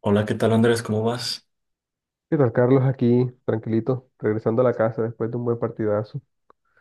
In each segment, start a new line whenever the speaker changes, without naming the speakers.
Hola, ¿qué tal Andrés? ¿Cómo vas?
¿Qué tal, Carlos? Aquí, tranquilito, regresando a la casa después de un buen partidazo.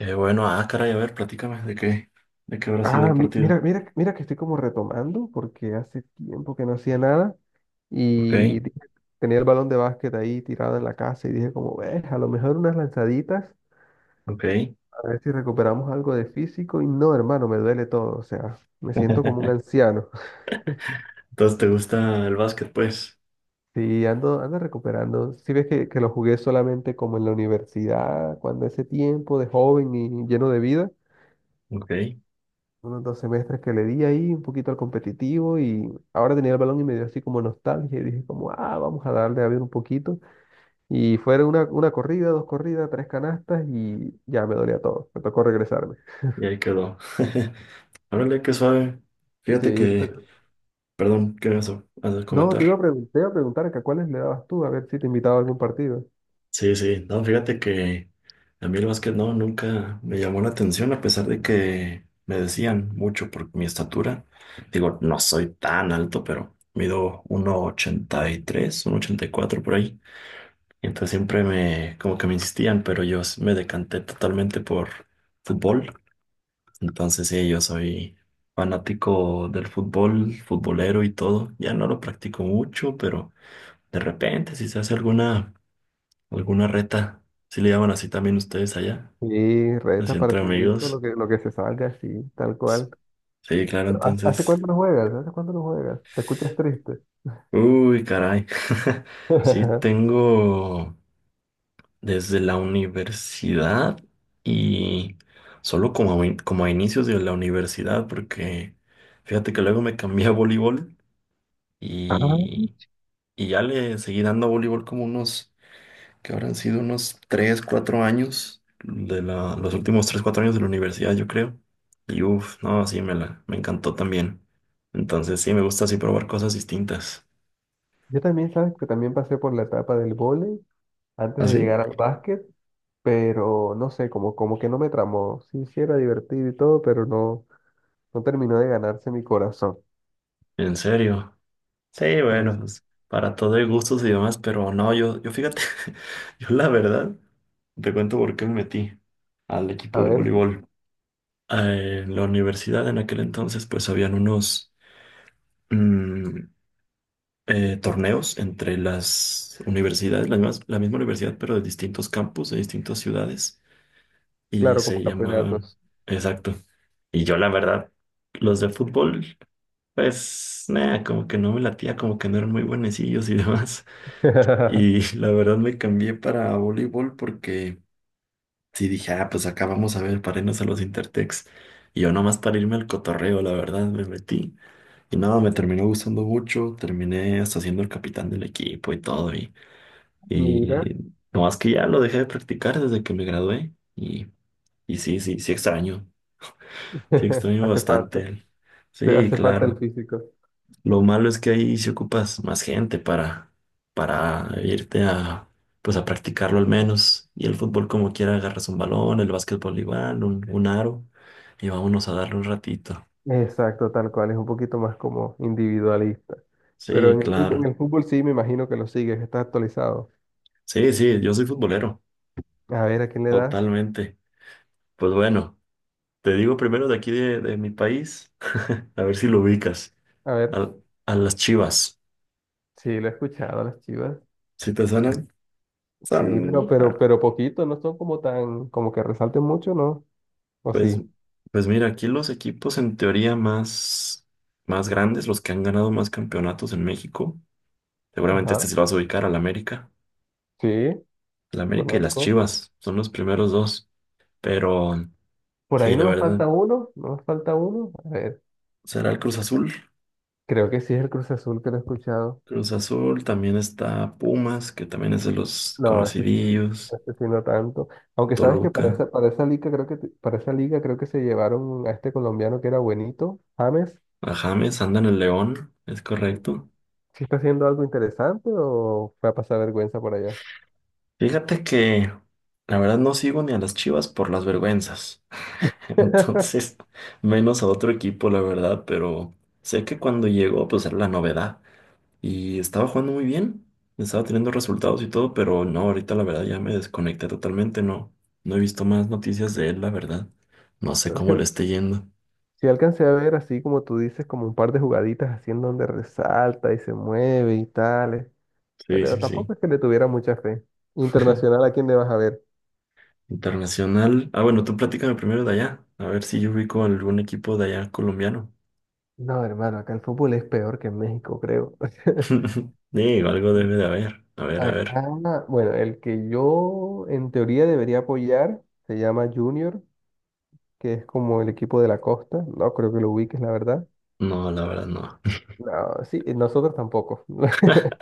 Bueno, ah, caray, a ver, platícame de qué habrá sido
Ah,
el partido.
mira, mira, mira que estoy como retomando porque hace tiempo que no hacía nada
Ok,
y di- tenía el balón de básquet ahí tirado en la casa y dije como, ves, a lo mejor unas lanzaditas,
ok.
a ver si recuperamos algo de físico y no, hermano, me duele todo, o sea, me siento como un anciano.
Entonces, ¿te gusta el básquet, pues?
Sí, ando recuperando. Si ves que lo jugué solamente como en la universidad, cuando ese tiempo de joven y lleno de vida.
Ok, y
Unos dos semestres que le di ahí un poquito al competitivo y ahora tenía el balón y me dio así como nostalgia y dije como, ah, vamos a darle a ver un poquito. Y fueron una corrida, dos corridas, tres canastas y ya me dolía todo. Me tocó regresarme.
ahí quedó. Órale, qué suave. Fíjate
Sí,
que,
pero-
perdón, ¿qué vas a
No, te iba a
comentar?
preguntar, te iba a preguntar que a cuáles le dabas tú, a ver si te invitaba a algún partido.
Sí, sí, no, fíjate que a mí el básquet no, nunca me llamó la atención, a pesar de que me decían mucho por mi estatura. Digo, no soy tan alto, pero mido uno ochenta y tres, uno ochenta y cuatro por ahí. Entonces siempre me, como que me insistían, pero yo me decanté totalmente por fútbol. Entonces sí, yo soy fanático del fútbol, futbolero y todo. Ya no lo practico mucho, pero de repente si se hace alguna reta, si le llaman así también ustedes allá,
Sí, retas,
así entre
partiditos, lo
amigos.
que, lo que se salga, sí, tal
S-
cual.
Sí, claro,
Pero, ¿hace
entonces...
cuánto no juegas? ¿Hace cuánto no juegas? ¿Te escuchas triste?
Uy, caray. Sí, tengo desde la universidad y solo como a inicios de la universidad, porque fíjate que luego me cambié a voleibol,
Ah,
y, y ya le seguí dando a voleibol como unos, que habrán sido unos 3 4 años, los últimos 3 4 años de la universidad, yo creo. Y uff, no, sí, me encantó también. Entonces sí, me gusta así probar cosas distintas.
yo también, sabes que también pasé por la etapa del vóley antes de
¿Así?
llegar al básquet, pero no sé, como que no me tramó. Sí, sí era divertido y todo, pero no, no terminó de ganarse mi corazón.
¿En serio? Sí,
Y
bueno, pues para todo hay gustos y demás, pero no, yo fíjate, yo la verdad, te cuento por qué me metí al
a
equipo de
ver,
voleibol. En la universidad en aquel entonces, pues habían unos mm, torneos entre las universidades, la misma universidad, pero de distintos campus, de distintas ciudades, y
claro, como
se llamaban...
campeonatos.
Exacto. Y yo la verdad, los de fútbol, pues, nada, como que no me latía, como que no eran muy buenecillos y demás. Y la verdad me cambié para voleibol porque sí dije, ah, pues acá vamos a ver para irnos a los Intertex. Y yo nomás para irme al cotorreo, la verdad, me metí. Y nada, me terminó gustando mucho, terminé hasta siendo el capitán del equipo y todo. Y,
Mira,
y nomás que ya lo dejé de practicar desde que me gradué. Y sí, sí, sí extraño
hace falta,
bastante.
te
Sí,
hace falta el
claro.
físico.
Lo malo es que ahí si ocupas más gente para irte a, pues a practicarlo al menos. Y el fútbol como quiera agarras un balón, el básquetbol igual, un aro, y vámonos a darle un ratito.
Exacto, tal cual, es un poquito más como individualista. Pero
Sí,
en
claro.
el fútbol sí me imagino que lo sigues, estás actualizado.
Sí, sí, yo soy futbolero,
A ver, ¿a quién le das?
totalmente. Pues bueno, te digo primero de aquí de mi país, a ver si lo ubicas.
A ver,
Al- a las Chivas.
sí, lo he escuchado a las Chivas.
¿Sí te suenan?
Sí, pero,
Son,
pero,
ah...
pero poquito, no son como tan, como que resalten mucho, ¿no? ¿O sí?
Pues, pues mira, aquí los equipos en teoría más grandes, los que han ganado más campeonatos en México, seguramente este
Ajá,
se lo vas a ubicar al América.
sí,
El América y las
conozco.
Chivas son los primeros dos, pero
Por
sí,
ahí
la
no me
verdad,
falta uno, no me falta uno. A ver,
será el Cruz Azul.
creo que sí es el Cruz Azul que lo he escuchado.
Cruz Azul, también está Pumas, que también es de los
No, este sí,
conocidillos,
este sí no tanto. Aunque sabes que para
Toluca,
esa, para esa liga creo que se llevaron a este colombiano que era buenito, James.
a James, anda en el León, es correcto.
¿Sí está haciendo algo interesante o fue a pasar vergüenza por allá?
Fíjate que la verdad no sigo ni a las Chivas por las vergüenzas. Entonces, menos a otro equipo, la verdad, pero sé que cuando llegó, pues era la novedad. Y estaba jugando muy bien, estaba teniendo resultados y todo, pero no, ahorita la verdad ya me desconecté totalmente, no, no he visto más noticias de él, la verdad. No sé
Yo sé
cómo le esté yendo.
Sí, alcancé a ver así como tú dices, como un par de jugaditas así en donde resalta y se mueve y tales,
Sí,
pero
sí, sí.
tampoco es que le tuviera mucha fe. Internacional, ¿a quién le vas a ver?
Internacional. Ah, bueno, tú platícame primero de allá, a ver si yo ubico algún equipo de allá colombiano.
No, hermano, acá el fútbol es peor que en México, creo.
Digo, algo debe de haber. A ver, a ver.
Acá, bueno, el que yo en teoría debería apoyar se llama Junior, que es como el equipo de la costa. No creo que lo ubiques, la verdad.
No, la verdad no.
No, sí, nosotros tampoco.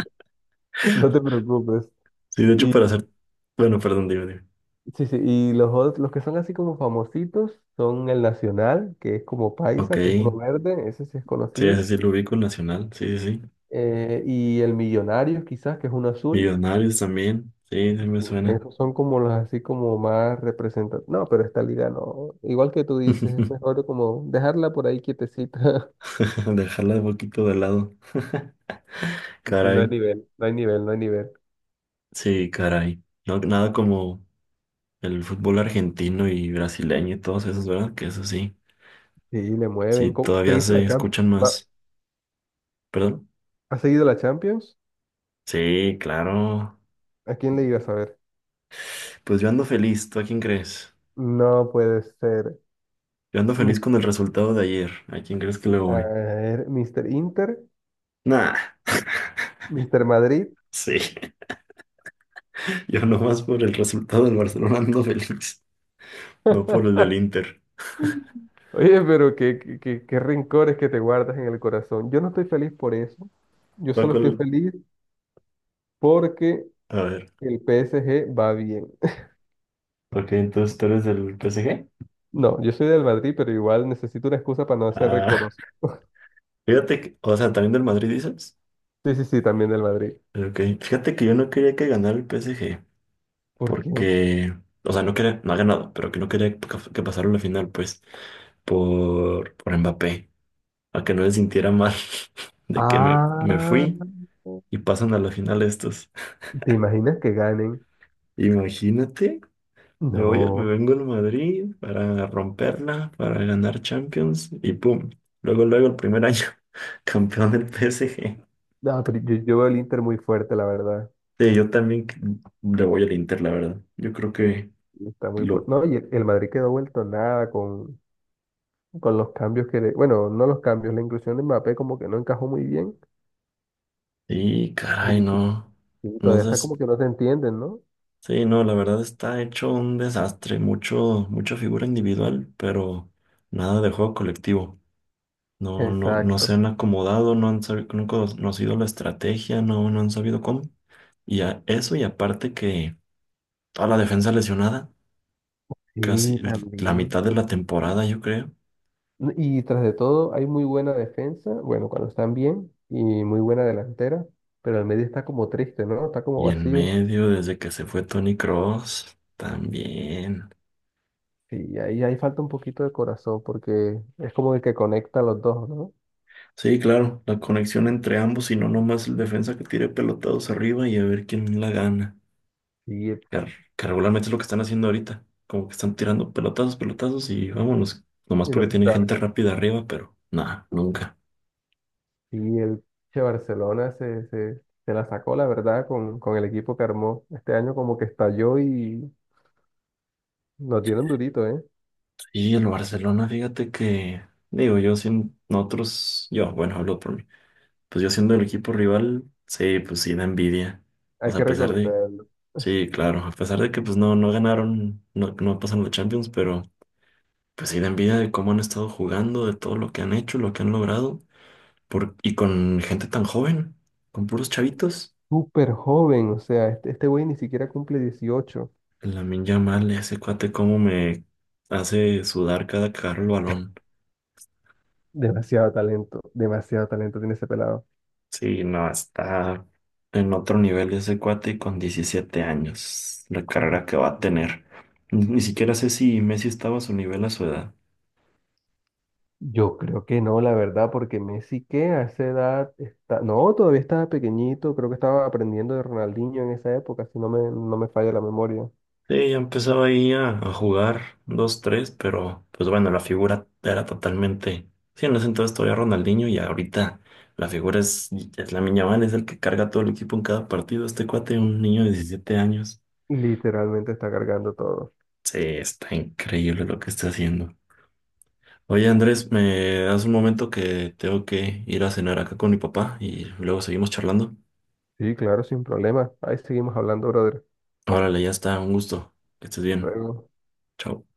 No te preocupes.
Sí, de hecho, para
y
hacer... Bueno, perdón, dime, dime.
Sí, sí, y los, los que son así como famositos son el Nacional, que es como
Ok.
paisa, que es uno verde, ese sí es
Sí, ese
conocido,
sí lo ubico, el Nacional, sí, sí, sí.
y el Millonario quizás, que es uno azul.
Millonarios también, sí, sí me suena.
Esos son como los así como más representativos. No, pero esta liga no. Igual que tú dices, es mejor como dejarla por ahí quietecita.
Dejarla un poquito de lado.
Y no hay
Caray,
nivel, no hay nivel, no hay nivel.
sí, caray. No, nada como el fútbol argentino y brasileño y todos esos, ¿verdad? Que eso sí,
Sí, le mueven.
sí, todavía
¿Seguiste la
se escuchan
Champions?
más. ¿Perdón?
¿Has seguido la Champions?
Sí, claro.
¿A quién le ibas a ver?
Pues yo ando feliz, ¿tú a quién crees?
No puede ser.
Yo ando
Mi-
feliz con el resultado de ayer. ¿A quién crees que le
A
voy?
ver, Mr. Inter.
Nah,
Mister Madrid.
sí, yo nomás por el resultado del Barcelona ando feliz. No por el del Inter.
Oye, pero qué rencores que te guardas en el corazón. Yo no estoy feliz por eso. Yo
¿Tú a
solo estoy
cuál?
feliz porque
A ver.
el PSG va bien.
Ok, entonces tú eres del PSG.
No, yo soy del Madrid, pero igual necesito una excusa para no hacer
Ah,
reconocido.
fíjate que, o sea, también del Madrid dices.
Sí, sí, sí, también del Madrid.
Ok, fíjate que yo no quería que ganara el PSG,
¿Por qué?
porque, o sea, no quería, no ha ganado, pero que no quería que pasara la final, pues, por Mbappé, a que no se sintiera mal de que me
Ah,
fui y pasan a la final estos.
¿te imaginas que ganen?
Imagínate. Me
No.
vengo al Madrid para romperla, para ganar Champions y pum. Luego, luego el primer año, campeón del PSG.
No, pero yo veo el Inter muy fuerte, la verdad.
Sí, yo también le voy al Inter, la verdad. Yo creo que lo...
No, y el Madrid quedó vuelto nada con los cambios que, bueno, no los cambios, la inclusión de Mbappé como que no encajó muy bien
Y
y el
caray,
equipo
no. No
todavía
sé.
está como que no se entienden, ¿no?
Sí, no, la verdad está hecho un desastre. Mucha figura individual, pero nada de juego colectivo. No, no, no se
Exacto.
han acomodado, no han sabido, no han conocido la estrategia, no, no han sabido cómo. Y a eso, y aparte que toda la defensa lesionada, casi
Sí,
la
también.
mitad de la temporada, yo creo.
Y tras de todo, hay muy buena defensa, bueno, cuando están bien, y muy buena delantera, pero el medio está como triste, ¿no? Está como
Y en
vacío.
medio, desde que se fue Tony Cross también.
Sí, ahí falta un poquito de corazón porque es como el que conecta a los dos, ¿no?
Sí, claro, la conexión entre ambos y no nomás el defensa que tire pelotados arriba y a ver quién la gana.
Sí,
Car- Que, regularmente es lo que están haciendo ahorita. Como que están tirando pelotazos, pelotazos y vámonos. Nomás
y
porque
lo que
tienen gente
salga.
rápida arriba, pero nada, nunca.
Y el che, Barcelona se la sacó, la verdad, con el equipo que armó. Este año como que estalló y nos dieron durito, ¿eh?
Y el Barcelona, fíjate que, digo, yo sin nosotros, yo, bueno, hablo por mí. Pues yo siendo el equipo rival, sí, pues sí da envidia. O
Hay
sea,
que
a pesar de,
reconocerlo. Es
sí, claro, a pesar de que pues no, no ganaron, no, no pasaron la Champions, pero pues sí da envidia de cómo han estado jugando, de todo lo que han hecho, lo que han logrado, por, y con gente tan joven, con puros chavitos.
Súper joven, o sea, este güey ni siquiera cumple 18.
Lamine Yamal, ese cuate, cómo me hace sudar cada que agarra el balón.
Demasiado talento tiene ese pelado.
Sí, no, está en otro nivel ese cuate y con 17 años, la
Ujú.
carrera que va a tener. Ni
Mm,
siquiera sé si Messi estaba a su nivel a su edad.
Yo creo que no, la verdad, porque Messi que a esa edad está, no, todavía estaba pequeñito, creo que estaba aprendiendo de Ronaldinho en esa época, si no me falla la memoria.
Sí, ya empezaba ahí a jugar dos, tres, pero pues bueno, la figura era totalmente... Sí, en ese entonces todavía Ronaldinho y ahorita la figura es Lamine Yamal, es el que carga todo el equipo en cada partido. Este cuate, un niño de 17 años.
Literalmente está cargando todo.
Sí, está increíble lo que está haciendo. Oye Andrés, me hace un momento que tengo que ir a cenar acá con mi papá y luego seguimos charlando.
Sí, claro, sin problema. Ahí seguimos hablando, brother.
Órale, ya está, un gusto. Que estés bien.
Luego.
Chao.